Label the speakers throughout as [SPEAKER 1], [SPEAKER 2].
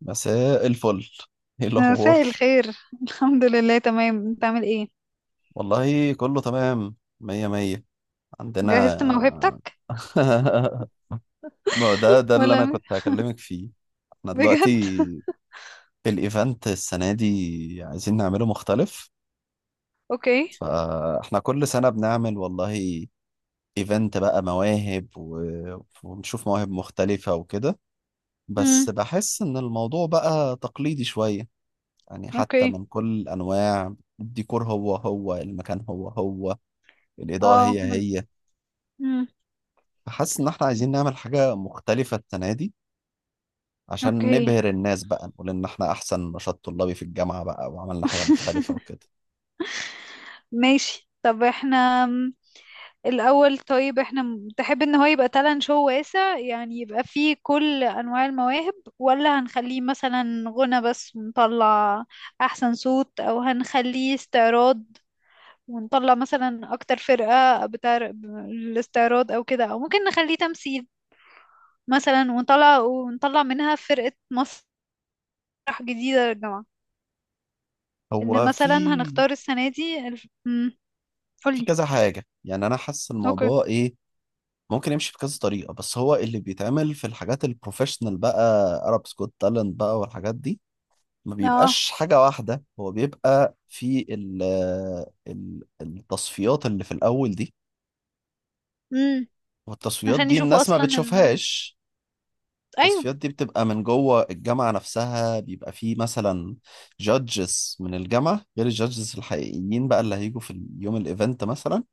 [SPEAKER 1] مساء الفل، ايه
[SPEAKER 2] مساء
[SPEAKER 1] الاخبار؟
[SPEAKER 2] الخير. الحمد لله، تمام. انت عامل ايه؟
[SPEAKER 1] والله كله تمام، مية مية عندنا.
[SPEAKER 2] جهزت موهبتك؟
[SPEAKER 1] ما هو ده اللي انا
[SPEAKER 2] ولا؟
[SPEAKER 1] كنت هكلمك فيه. احنا
[SPEAKER 2] بجد؟
[SPEAKER 1] دلوقتي الايفنت السنة دي عايزين نعمله مختلف.
[SPEAKER 2] اوكي.
[SPEAKER 1] فاحنا كل سنة بنعمل، والله، ايفنت بقى مواهب ونشوف مواهب مختلفة وكده. بس
[SPEAKER 2] امم.
[SPEAKER 1] بحس ان الموضوع بقى تقليدي شوية، يعني حتى
[SPEAKER 2] اوكي.
[SPEAKER 1] من كل انواع الديكور هو هو، المكان هو هو، الإضاءة
[SPEAKER 2] اه
[SPEAKER 1] هي
[SPEAKER 2] من
[SPEAKER 1] هي.
[SPEAKER 2] امم
[SPEAKER 1] فحاسس إن إحنا عايزين نعمل حاجة مختلفة السنة دي عشان
[SPEAKER 2] اوكي.
[SPEAKER 1] نبهر الناس بقى، نقول إن إحنا أحسن نشاط طلابي في الجامعة بقى وعملنا حاجة مختلفة وكده.
[SPEAKER 2] ماشي. طب الاول. طيب تحب ان هو يبقى تالنت شو واسع؟ يعني يبقى فيه كل انواع المواهب، ولا هنخليه مثلا غنى بس نطلع احسن صوت، او هنخليه استعراض ونطلع مثلا اكتر فرقة بتاع الاستعراض او كده، او ممكن نخليه تمثيل مثلا ونطلع منها فرقة مسرح جديدة للجامعة. ان
[SPEAKER 1] هو في
[SPEAKER 2] مثلا هنختار السنة دي الف...
[SPEAKER 1] في
[SPEAKER 2] قولي.
[SPEAKER 1] كذا حاجة، يعني أنا حاسس
[SPEAKER 2] اوكي.
[SPEAKER 1] الموضوع إيه ممكن يمشي بكذا طريقة. بس هو اللي بيتعمل في الحاجات البروفيشنال بقى، أرب سكوت تالنت بقى والحاجات دي، ما
[SPEAKER 2] اه.
[SPEAKER 1] بيبقاش حاجة واحدة. هو بيبقى في التصفيات اللي في الأول دي،
[SPEAKER 2] امم.
[SPEAKER 1] والتصفيات
[SPEAKER 2] عشان
[SPEAKER 1] دي
[SPEAKER 2] يشوفوا
[SPEAKER 1] الناس ما
[SPEAKER 2] اصلا ال...
[SPEAKER 1] بتشوفهاش.
[SPEAKER 2] ايوه.
[SPEAKER 1] التصفيات دي بتبقى من جوه الجامعة نفسها، بيبقى فيه مثلا جادجز من الجامعة غير الجادجز الحقيقيين بقى اللي هيجوا في يوم الايفنت مثلا.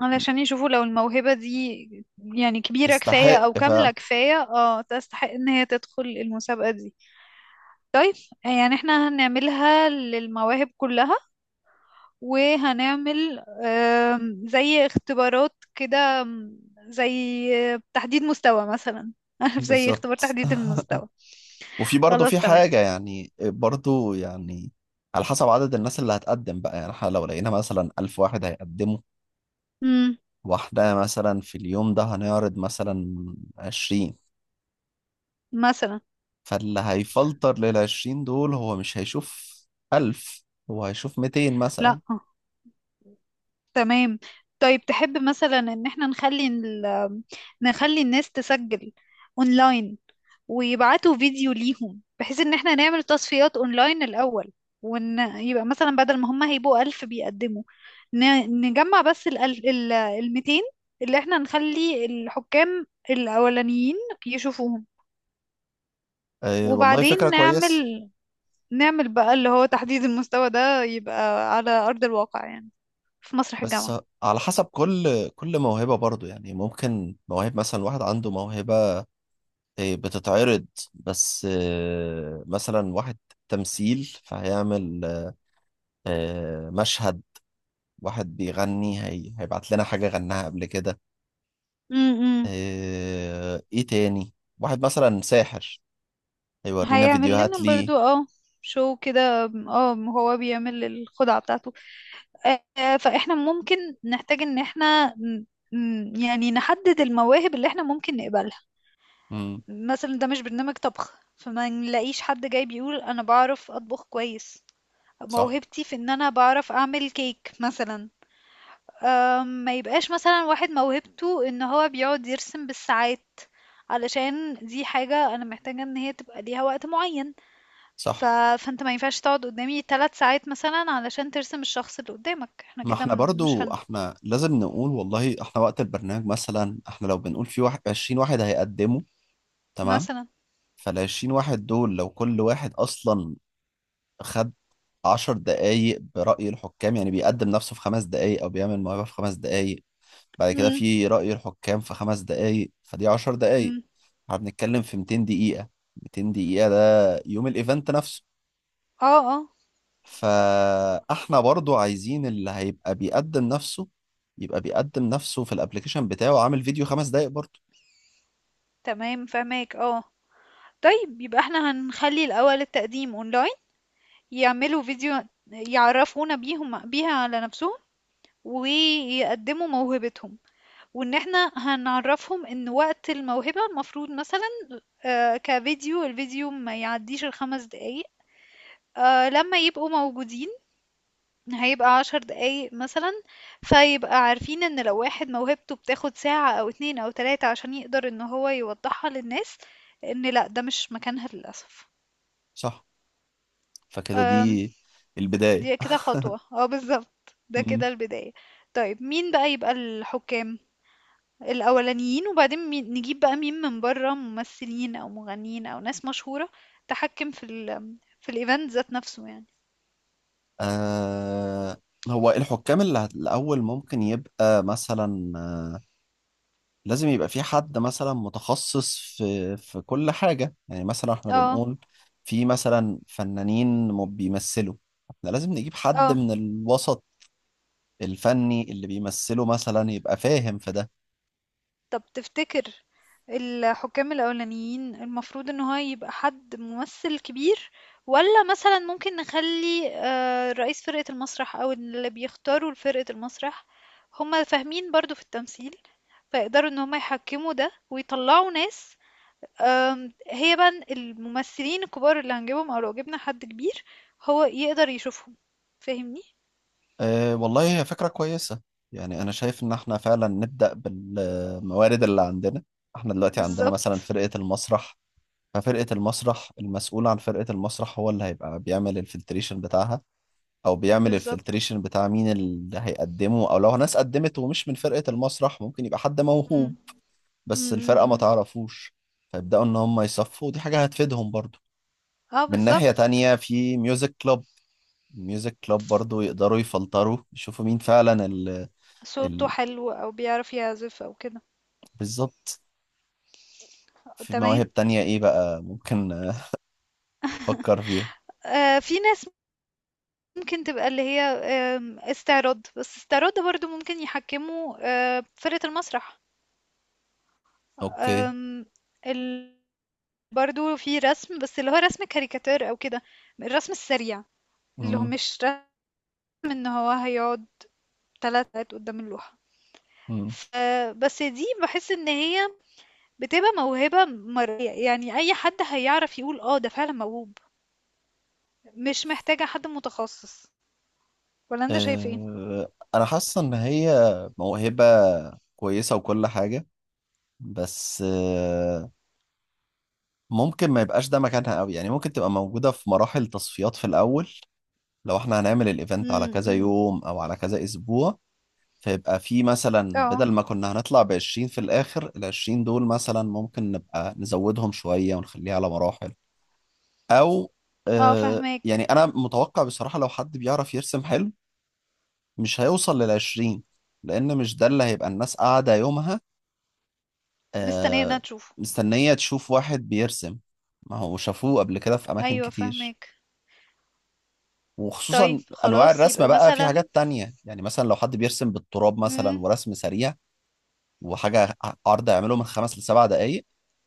[SPEAKER 2] علشان يشوفوا لو الموهبة دي يعني كبيرة كفاية
[SPEAKER 1] تستحق
[SPEAKER 2] او
[SPEAKER 1] فعلا.
[SPEAKER 2] كاملة كفاية، اه تستحق ان هي تدخل المسابقة دي. يعني احنا هنعملها للمواهب كلها، وهنعمل زي اختبارات كده، آم، زي آه، تحديد مستوى مثلا. عارف، زي اختبار
[SPEAKER 1] بالظبط.
[SPEAKER 2] تحديد المستوى.
[SPEAKER 1] وفي برضه،
[SPEAKER 2] خلاص،
[SPEAKER 1] في
[SPEAKER 2] تمام.
[SPEAKER 1] حاجة يعني، برضه يعني على حسب عدد الناس اللي هتقدم بقى، يعني احنا لو لقينا مثلا 1000 واحد هيقدموا،
[SPEAKER 2] مم.
[SPEAKER 1] واحنا مثلا في اليوم ده هنعرض مثلا 20.
[SPEAKER 2] مثلا.
[SPEAKER 1] فاللي هيفلتر لل20 دول هو مش هيشوف 1000، هو هيشوف 200
[SPEAKER 2] لا.
[SPEAKER 1] مثلا.
[SPEAKER 2] آه، تمام. طيب تحب مثلا ان احنا نخلي ال... نخلي الناس تسجل اونلاين ويبعتوا فيديو ليهم، بحيث ان احنا نعمل تصفيات اونلاين الاول، وان يبقى مثلا بدل ما هم هيبقوا ألف بيقدموا، نجمع بس ال ال الميتين اللي احنا نخلي الحكام الأولانيين يشوفوهم.
[SPEAKER 1] أه والله فكرة
[SPEAKER 2] وبعدين
[SPEAKER 1] كويس.
[SPEAKER 2] نعمل بقى اللي هو تحديد المستوى ده، يبقى على أرض الواقع يعني في مسرح
[SPEAKER 1] بس
[SPEAKER 2] الجامعة.
[SPEAKER 1] على حسب كل موهبة برضو، يعني ممكن مواهب، مثلا واحد عنده موهبة بتتعرض، بس مثلا واحد تمثيل فهيعمل مشهد. واحد بيغني هي هيبعت لنا حاجة غناها قبل كده.
[SPEAKER 2] امم.
[SPEAKER 1] ايه تاني، واحد مثلا ساحر هيورينا
[SPEAKER 2] هيعمل
[SPEAKER 1] فيديوهات
[SPEAKER 2] لنا
[SPEAKER 1] ليه.
[SPEAKER 2] برضو، اه شو كده، اه هو بيعمل الخدعة بتاعته. آه، فاحنا ممكن نحتاج ان احنا يعني نحدد المواهب اللي احنا ممكن نقبلها.
[SPEAKER 1] مم،
[SPEAKER 2] مثلا ده مش برنامج طبخ، فما نلاقيش حد جاي بيقول انا بعرف اطبخ كويس،
[SPEAKER 1] صح.
[SPEAKER 2] موهبتي في ان انا بعرف اعمل كيك مثلا. ما يبقاش مثلا واحد موهبته ان هو بيقعد يرسم بالساعات، علشان دي حاجة انا محتاجة ان هي تبقى ليها وقت معين. ف...
[SPEAKER 1] صح،
[SPEAKER 2] فانت ما ينفعش تقعد قدامي 3 ساعات مثلا علشان ترسم الشخص اللي قدامك، احنا
[SPEAKER 1] ما
[SPEAKER 2] كده
[SPEAKER 1] احنا
[SPEAKER 2] مش
[SPEAKER 1] برضو
[SPEAKER 2] هن
[SPEAKER 1] احنا لازم نقول، والله احنا وقت البرنامج مثلا، احنا لو بنقول في واحد 20 واحد هيقدموا، تمام،
[SPEAKER 2] مثلا.
[SPEAKER 1] فال 20 واحد دول لو كل واحد اصلا خد 10 دقايق برأي الحكام، يعني بيقدم نفسه في 5 دقايق او بيعمل موهبة في 5 دقايق، بعد كده
[SPEAKER 2] إمم،
[SPEAKER 1] في رأي الحكام في 5 دقايق، فدي 10 دقايق.
[SPEAKER 2] إمم.
[SPEAKER 1] احنا بنتكلم في 200 دقيقة. 200 دقيقة ده يوم الايفنت نفسه.
[SPEAKER 2] آه، آه،
[SPEAKER 1] فاحنا برضو عايزين اللي هيبقى بيقدم نفسه يبقى بيقدم نفسه في الابليكيشن بتاعه عامل فيديو 5 دقايق برضو.
[SPEAKER 2] تمام فاهماك. آه. طيب يبقى إحنا هنخلّي الأول التقديم أونلاين، يعملوا فيديو يعرّفونا بيهم بيها على نَفْسهم، ويقدّموا موهبتهم، وإن إحنا هنعرّفهم إن وقت الموهبة المفروض مثلًا، كفيديو، الفيديو ما يعدّيش ال5 دقايق، لمّا يبقوا موجودين هيبقى 10 دقايق مثلا، فيبقى عارفين ان لو واحد موهبته بتاخد ساعة او اتنين او تلاتة عشان يقدر ان هو يوضحها للناس، ان لا ده مش مكانها للأسف.
[SPEAKER 1] صح، فكده
[SPEAKER 2] أم،
[SPEAKER 1] دي البداية.
[SPEAKER 2] دي كده خطوة. اه بالظبط، ده
[SPEAKER 1] مم.
[SPEAKER 2] كده البداية. طيب مين بقى يبقى الحكام الأولانيين؟ وبعدين نجيب بقى مين من بره؟ ممثلين او مغنيين او ناس مشهورة تحكم في في الايفنت ذات نفسه يعني.
[SPEAKER 1] آه هو الحكام اللي الأول ممكن يبقى مثلا، لازم يبقى في حد مثلا متخصص في كل حاجة. يعني مثلا احنا
[SPEAKER 2] اه.
[SPEAKER 1] بنقول في مثلا فنانين بيمثلوا، احنا لازم نجيب حد
[SPEAKER 2] اه.
[SPEAKER 1] من الوسط الفني اللي بيمثله مثلا، يبقى فاهم في ده.
[SPEAKER 2] طب تفتكر الحكام الأولانيين المفروض إن هو يبقى حد ممثل كبير، ولا مثلا ممكن نخلي آه، رئيس فرقة المسرح أو اللي بيختاروا فرقة المسرح، هما فاهمين برضو في التمثيل، فيقدروا إن هما يحكموا ده ويطلعوا ناس. هي بقى الممثلين الكبار اللي هنجيبهم، أو لو جبنا حد كبير هو يقدر يشوفهم. فاهمني؟
[SPEAKER 1] أه والله هي فكرة كويسة. يعني أنا شايف إن إحنا فعلا نبدأ بالموارد اللي عندنا. إحنا دلوقتي عندنا مثلا
[SPEAKER 2] بالظبط.
[SPEAKER 1] فرقة المسرح، ففرقة المسرح المسؤول عن فرقة المسرح هو اللي هيبقى بيعمل الفلتريشن بتاعها، أو بيعمل
[SPEAKER 2] بالظبط.
[SPEAKER 1] الفلتريشن بتاع مين اللي هيقدمه، أو لو ناس قدمت ومش من فرقة المسرح ممكن يبقى حد
[SPEAKER 2] مم.
[SPEAKER 1] موهوب
[SPEAKER 2] مم،
[SPEAKER 1] بس
[SPEAKER 2] مم،
[SPEAKER 1] الفرقة ما
[SPEAKER 2] مم.
[SPEAKER 1] تعرفوش. فيبدأوا إن هم يصفوا، ودي حاجة هتفيدهم برضو.
[SPEAKER 2] اه
[SPEAKER 1] من ناحية
[SPEAKER 2] بالظبط.
[SPEAKER 1] تانية في ميوزك كلوب، ميوزك كلوب برضو يقدروا يفلتروا يشوفوا مين فعلا. ال
[SPEAKER 2] صوته حلو او بيعرف يعزف او كده.
[SPEAKER 1] بالظبط. في
[SPEAKER 2] تمام.
[SPEAKER 1] مواهب تانية ايه بقى، ممكن افكر فيها.
[SPEAKER 2] آه في ناس ممكن تبقى اللي هي استعراض، بس استعراض ده برضو ممكن يحكموا آه فرقة المسرح.
[SPEAKER 1] اوكي.
[SPEAKER 2] آم، ال... برضو في رسم، بس اللي هو رسم كاريكاتير او كده، الرسم السريع، اللي هو
[SPEAKER 1] مم.
[SPEAKER 2] مش رسم ان هو هيقعد 3 ساعات قدام اللوحة.
[SPEAKER 1] مم.
[SPEAKER 2] ف- بس دي بحس ان هي بتبقى موهبة مرئية يعني، اي حد هيعرف يقول اه ده فعلا موهوب. مش محتاجة حد متخصص. ولا انت شايف ايه؟
[SPEAKER 1] أه انا حاسس ان هي موهبة كويسة وكل حاجة، بس ممكن ما يبقاش ده مكانها قوي، يعني ممكن تبقى موجودة في مراحل تصفيات في الاول. لو احنا هنعمل الايفنت على
[SPEAKER 2] امم،
[SPEAKER 1] كذا
[SPEAKER 2] امم.
[SPEAKER 1] يوم او على كذا اسبوع، فيبقى في مثلا
[SPEAKER 2] اه،
[SPEAKER 1] بدل ما كنا هنطلع ب 20 في الاخر، ال 20 دول مثلا ممكن نبقى نزودهم شوية ونخليها على مراحل. او
[SPEAKER 2] اه فهماك.
[SPEAKER 1] يعني انا متوقع بصراحة، لو حد بيعرف يرسم حلو مش هيوصل لل20، لان مش ده اللي هيبقى الناس قاعدة يومها
[SPEAKER 2] مستنيه
[SPEAKER 1] آه
[SPEAKER 2] ان تشوفه.
[SPEAKER 1] مستنية تشوف واحد بيرسم. ما هو شافوه قبل كده في اماكن
[SPEAKER 2] ايوه
[SPEAKER 1] كتير.
[SPEAKER 2] فهماك. طيب
[SPEAKER 1] وخصوصا انواع
[SPEAKER 2] خلاص،
[SPEAKER 1] الرسم
[SPEAKER 2] يبقى
[SPEAKER 1] بقى، في
[SPEAKER 2] مثلا،
[SPEAKER 1] حاجات تانية يعني، مثلا لو حد بيرسم بالتراب مثلا،
[SPEAKER 2] امم،
[SPEAKER 1] ورسم سريع وحاجة، عرض يعمله من 5 ل7 دقايق،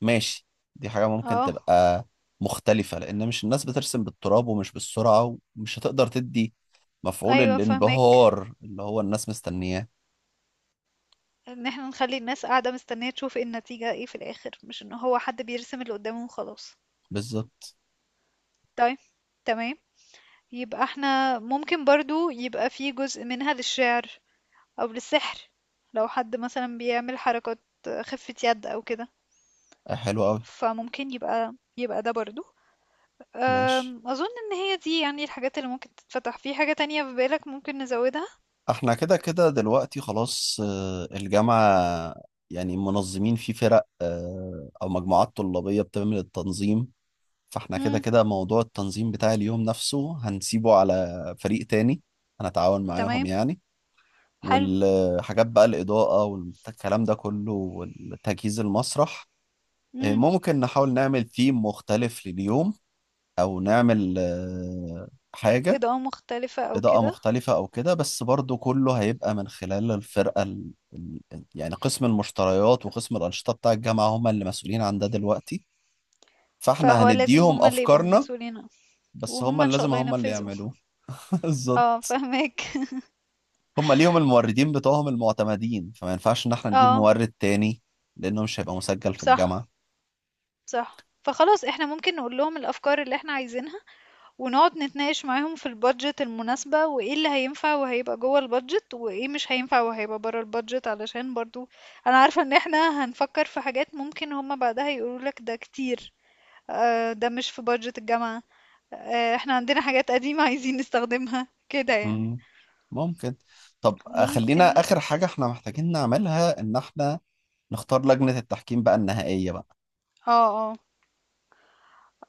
[SPEAKER 1] ماشي، دي حاجة ممكن
[SPEAKER 2] اه،
[SPEAKER 1] تبقى مختلفة. لأن مش الناس بترسم بالتراب ومش بالسرعة، ومش هتقدر تدي مفعول
[SPEAKER 2] ايوه فهماك،
[SPEAKER 1] الانبهار اللي هو الناس مستنياه.
[SPEAKER 2] ان احنا نخلي الناس قاعده مستنيه تشوف ايه النتيجه، ايه في الاخر، مش ان هو حد بيرسم اللي قدامه وخلاص.
[SPEAKER 1] بالظبط.
[SPEAKER 2] طيب، تمام. يبقى احنا ممكن برضو يبقى في جزء منها للشعر، او للسحر، لو حد مثلا بيعمل حركات خفة يد او كده،
[SPEAKER 1] حلو أوي.
[SPEAKER 2] فممكن يبقى ده برضو.
[SPEAKER 1] ماشي.
[SPEAKER 2] أظن إن هي دي يعني الحاجات اللي ممكن تتفتح. في حاجة تانية في بالك ممكن نزودها؟
[SPEAKER 1] احنا كده كده دلوقتي خلاص الجامعة يعني منظمين في فرق أو مجموعات طلابية بتعمل التنظيم، فاحنا كده
[SPEAKER 2] مم.
[SPEAKER 1] كده موضوع التنظيم بتاع اليوم نفسه هنسيبه على فريق تاني، هنتعاون معاهم
[SPEAKER 2] تمام.
[SPEAKER 1] يعني.
[SPEAKER 2] حلو.
[SPEAKER 1] والحاجات بقى، الإضاءة والكلام ده كله والتجهيز المسرح،
[SPEAKER 2] مم.
[SPEAKER 1] ممكن نحاول نعمل ثيم مختلف لليوم، أو نعمل حاجة
[SPEAKER 2] إضاءة مختلفة أو
[SPEAKER 1] إضاءة
[SPEAKER 2] كده.
[SPEAKER 1] مختلفة أو كده. بس برضو كله هيبقى من خلال الفرقة يعني قسم المشتريات وقسم الأنشطة بتاع الجامعة، هم اللي مسؤولين عن ده دلوقتي، فاحنا
[SPEAKER 2] فهو لازم
[SPEAKER 1] هنديهم
[SPEAKER 2] هما اللي يبقوا
[SPEAKER 1] أفكارنا،
[SPEAKER 2] مسؤولين عنه.
[SPEAKER 1] بس
[SPEAKER 2] وهما إن شاء الله
[SPEAKER 1] هم اللي
[SPEAKER 2] ينفذوا.
[SPEAKER 1] يعملوه.
[SPEAKER 2] اه
[SPEAKER 1] بالظبط.
[SPEAKER 2] فهمك.
[SPEAKER 1] هم ليهم الموردين بتوعهم المعتمدين، فما ينفعش ان احنا نجيب
[SPEAKER 2] اه.
[SPEAKER 1] مورد تاني لانه مش هيبقى مسجل في
[SPEAKER 2] صح.
[SPEAKER 1] الجامعة.
[SPEAKER 2] صح، فخلاص احنا ممكن نقول لهم الأفكار اللي احنا عايزينها، ونقعد نتناقش معاهم في البادجت المناسبة، وايه اللي هينفع وهيبقى جوه البادجت، وايه مش هينفع وهيبقى بره البادجت، علشان برضو انا عارفة ان احنا هنفكر في حاجات ممكن هما بعدها يقولوا لك ده كتير. آه، ده مش في بادجت الجامعة. آه، احنا عندنا حاجات قديمة عايزين نستخدمها كده يعني.
[SPEAKER 1] مم. ممكن. طب خلينا
[SPEAKER 2] ممكن.
[SPEAKER 1] اخر حاجة احنا محتاجين نعملها ان احنا نختار لجنة التحكيم بقى النهائية بقى.
[SPEAKER 2] اه. اه.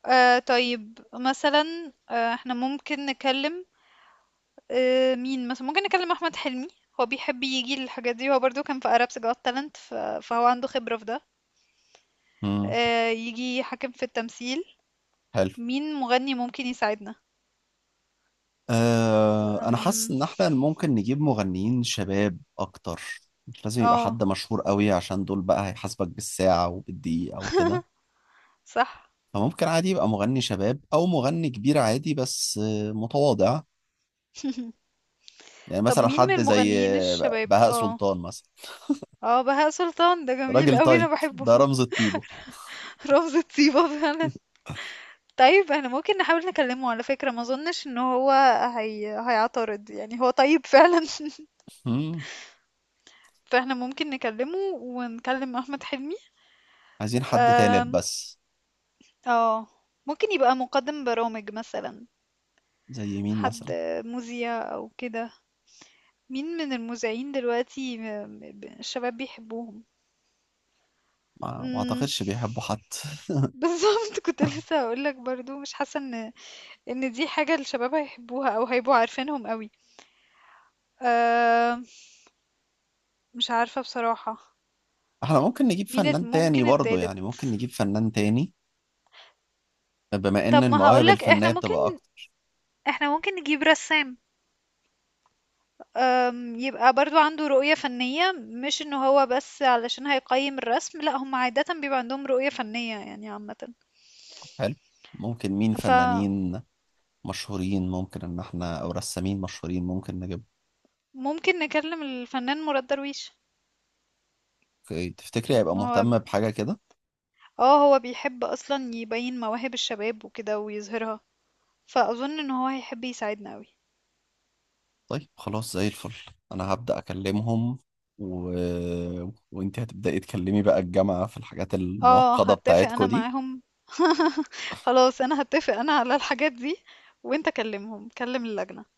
[SPEAKER 2] آه، طيب مثلا، آه، احنا ممكن نكلم، آه، مين مثلا؟ ممكن نكلم احمد حلمي، هو بيحب يجي للحاجات دي، هو برضو كان في Arabs Got Talent، فهو عنده خبرة في ده.
[SPEAKER 1] مم.
[SPEAKER 2] آه، يجي يحكم في التمثيل.
[SPEAKER 1] حلو.
[SPEAKER 2] مين مغني ممكن يساعدنا؟
[SPEAKER 1] أه انا حاسس
[SPEAKER 2] أم،
[SPEAKER 1] ان احنا ممكن نجيب مغنيين شباب اكتر. مش لازم يبقى
[SPEAKER 2] اه
[SPEAKER 1] حد مشهور قوي عشان دول بقى هيحاسبك بالساعة وبالدقيقة وكده.
[SPEAKER 2] صح.
[SPEAKER 1] فممكن عادي يبقى مغني شباب او مغني كبير عادي بس متواضع. يعني
[SPEAKER 2] طب
[SPEAKER 1] مثلا
[SPEAKER 2] مين من
[SPEAKER 1] حد زي
[SPEAKER 2] المغنيين الشباب؟
[SPEAKER 1] بهاء
[SPEAKER 2] اه.
[SPEAKER 1] سلطان مثلا.
[SPEAKER 2] اه بهاء سلطان، ده جميل
[SPEAKER 1] راجل
[SPEAKER 2] قوي، انا
[SPEAKER 1] طيب،
[SPEAKER 2] بحبه.
[SPEAKER 1] ده رمز الطيبة.
[SPEAKER 2] رمز طيبة فعلا. طيب احنا ممكن نحاول نكلمه، على فكرة ما اظنش ان هو هيعترض، يعني هو طيب فعلا.
[SPEAKER 1] مم.
[SPEAKER 2] فاحنا ممكن نكلمه ونكلم احمد حلمي.
[SPEAKER 1] عايزين حد تالت
[SPEAKER 2] آم،
[SPEAKER 1] بس.
[SPEAKER 2] اه، ممكن يبقى مقدم برامج مثلا.
[SPEAKER 1] زي مين
[SPEAKER 2] حد
[SPEAKER 1] مثلا؟
[SPEAKER 2] مذيع او كده. مين من المذيعين دلوقتي الشباب بيحبوهم؟
[SPEAKER 1] ما
[SPEAKER 2] امم.
[SPEAKER 1] اعتقدش بيحبوا حد.
[SPEAKER 2] بالظبط، كنت لسه هقول لك برضو، مش حاسه ان دي حاجه الشباب هيحبوها او هيبقوا عارفينهم قوي. أه. مش عارفه بصراحه.
[SPEAKER 1] احنا ممكن نجيب فنان تاني
[SPEAKER 2] ممكن
[SPEAKER 1] برضو،
[SPEAKER 2] التالت؟
[SPEAKER 1] يعني ممكن نجيب فنان تاني، بما ان
[SPEAKER 2] طب ما
[SPEAKER 1] المواهب
[SPEAKER 2] هقول لك، احنا
[SPEAKER 1] الفنية
[SPEAKER 2] ممكن
[SPEAKER 1] بتبقى اكتر.
[SPEAKER 2] نجيب رسام. أم، يبقى برضو عنده رؤية فنية، مش انه هو بس علشان هيقيم الرسم، لا هم عادة بيبقى عندهم رؤية فنية يعني عامة.
[SPEAKER 1] حلو. ممكن مين فنانين مشهورين ممكن ان احنا، او رسامين مشهورين ممكن نجيب.
[SPEAKER 2] فممكن نكلم الفنان مراد درويش.
[SPEAKER 1] أوكي، تفتكري هيبقى
[SPEAKER 2] هو،
[SPEAKER 1] مهتم بحاجة كده؟
[SPEAKER 2] اه هو بيحب اصلا يبين مواهب الشباب وكده ويظهرها، فاظن ان هو هيحب يساعدنا قوي.
[SPEAKER 1] طيب خلاص، زي الفل. انا هبدأ اكلمهم و... وانت هتبدأي تكلمي بقى الجامعة في الحاجات
[SPEAKER 2] اه
[SPEAKER 1] المعقدة
[SPEAKER 2] هتفق
[SPEAKER 1] بتاعتكو
[SPEAKER 2] انا
[SPEAKER 1] دي.
[SPEAKER 2] معاهم. خلاص، انا هتفق انا على الحاجات دي، وانت كلمهم، كلم اللجنة.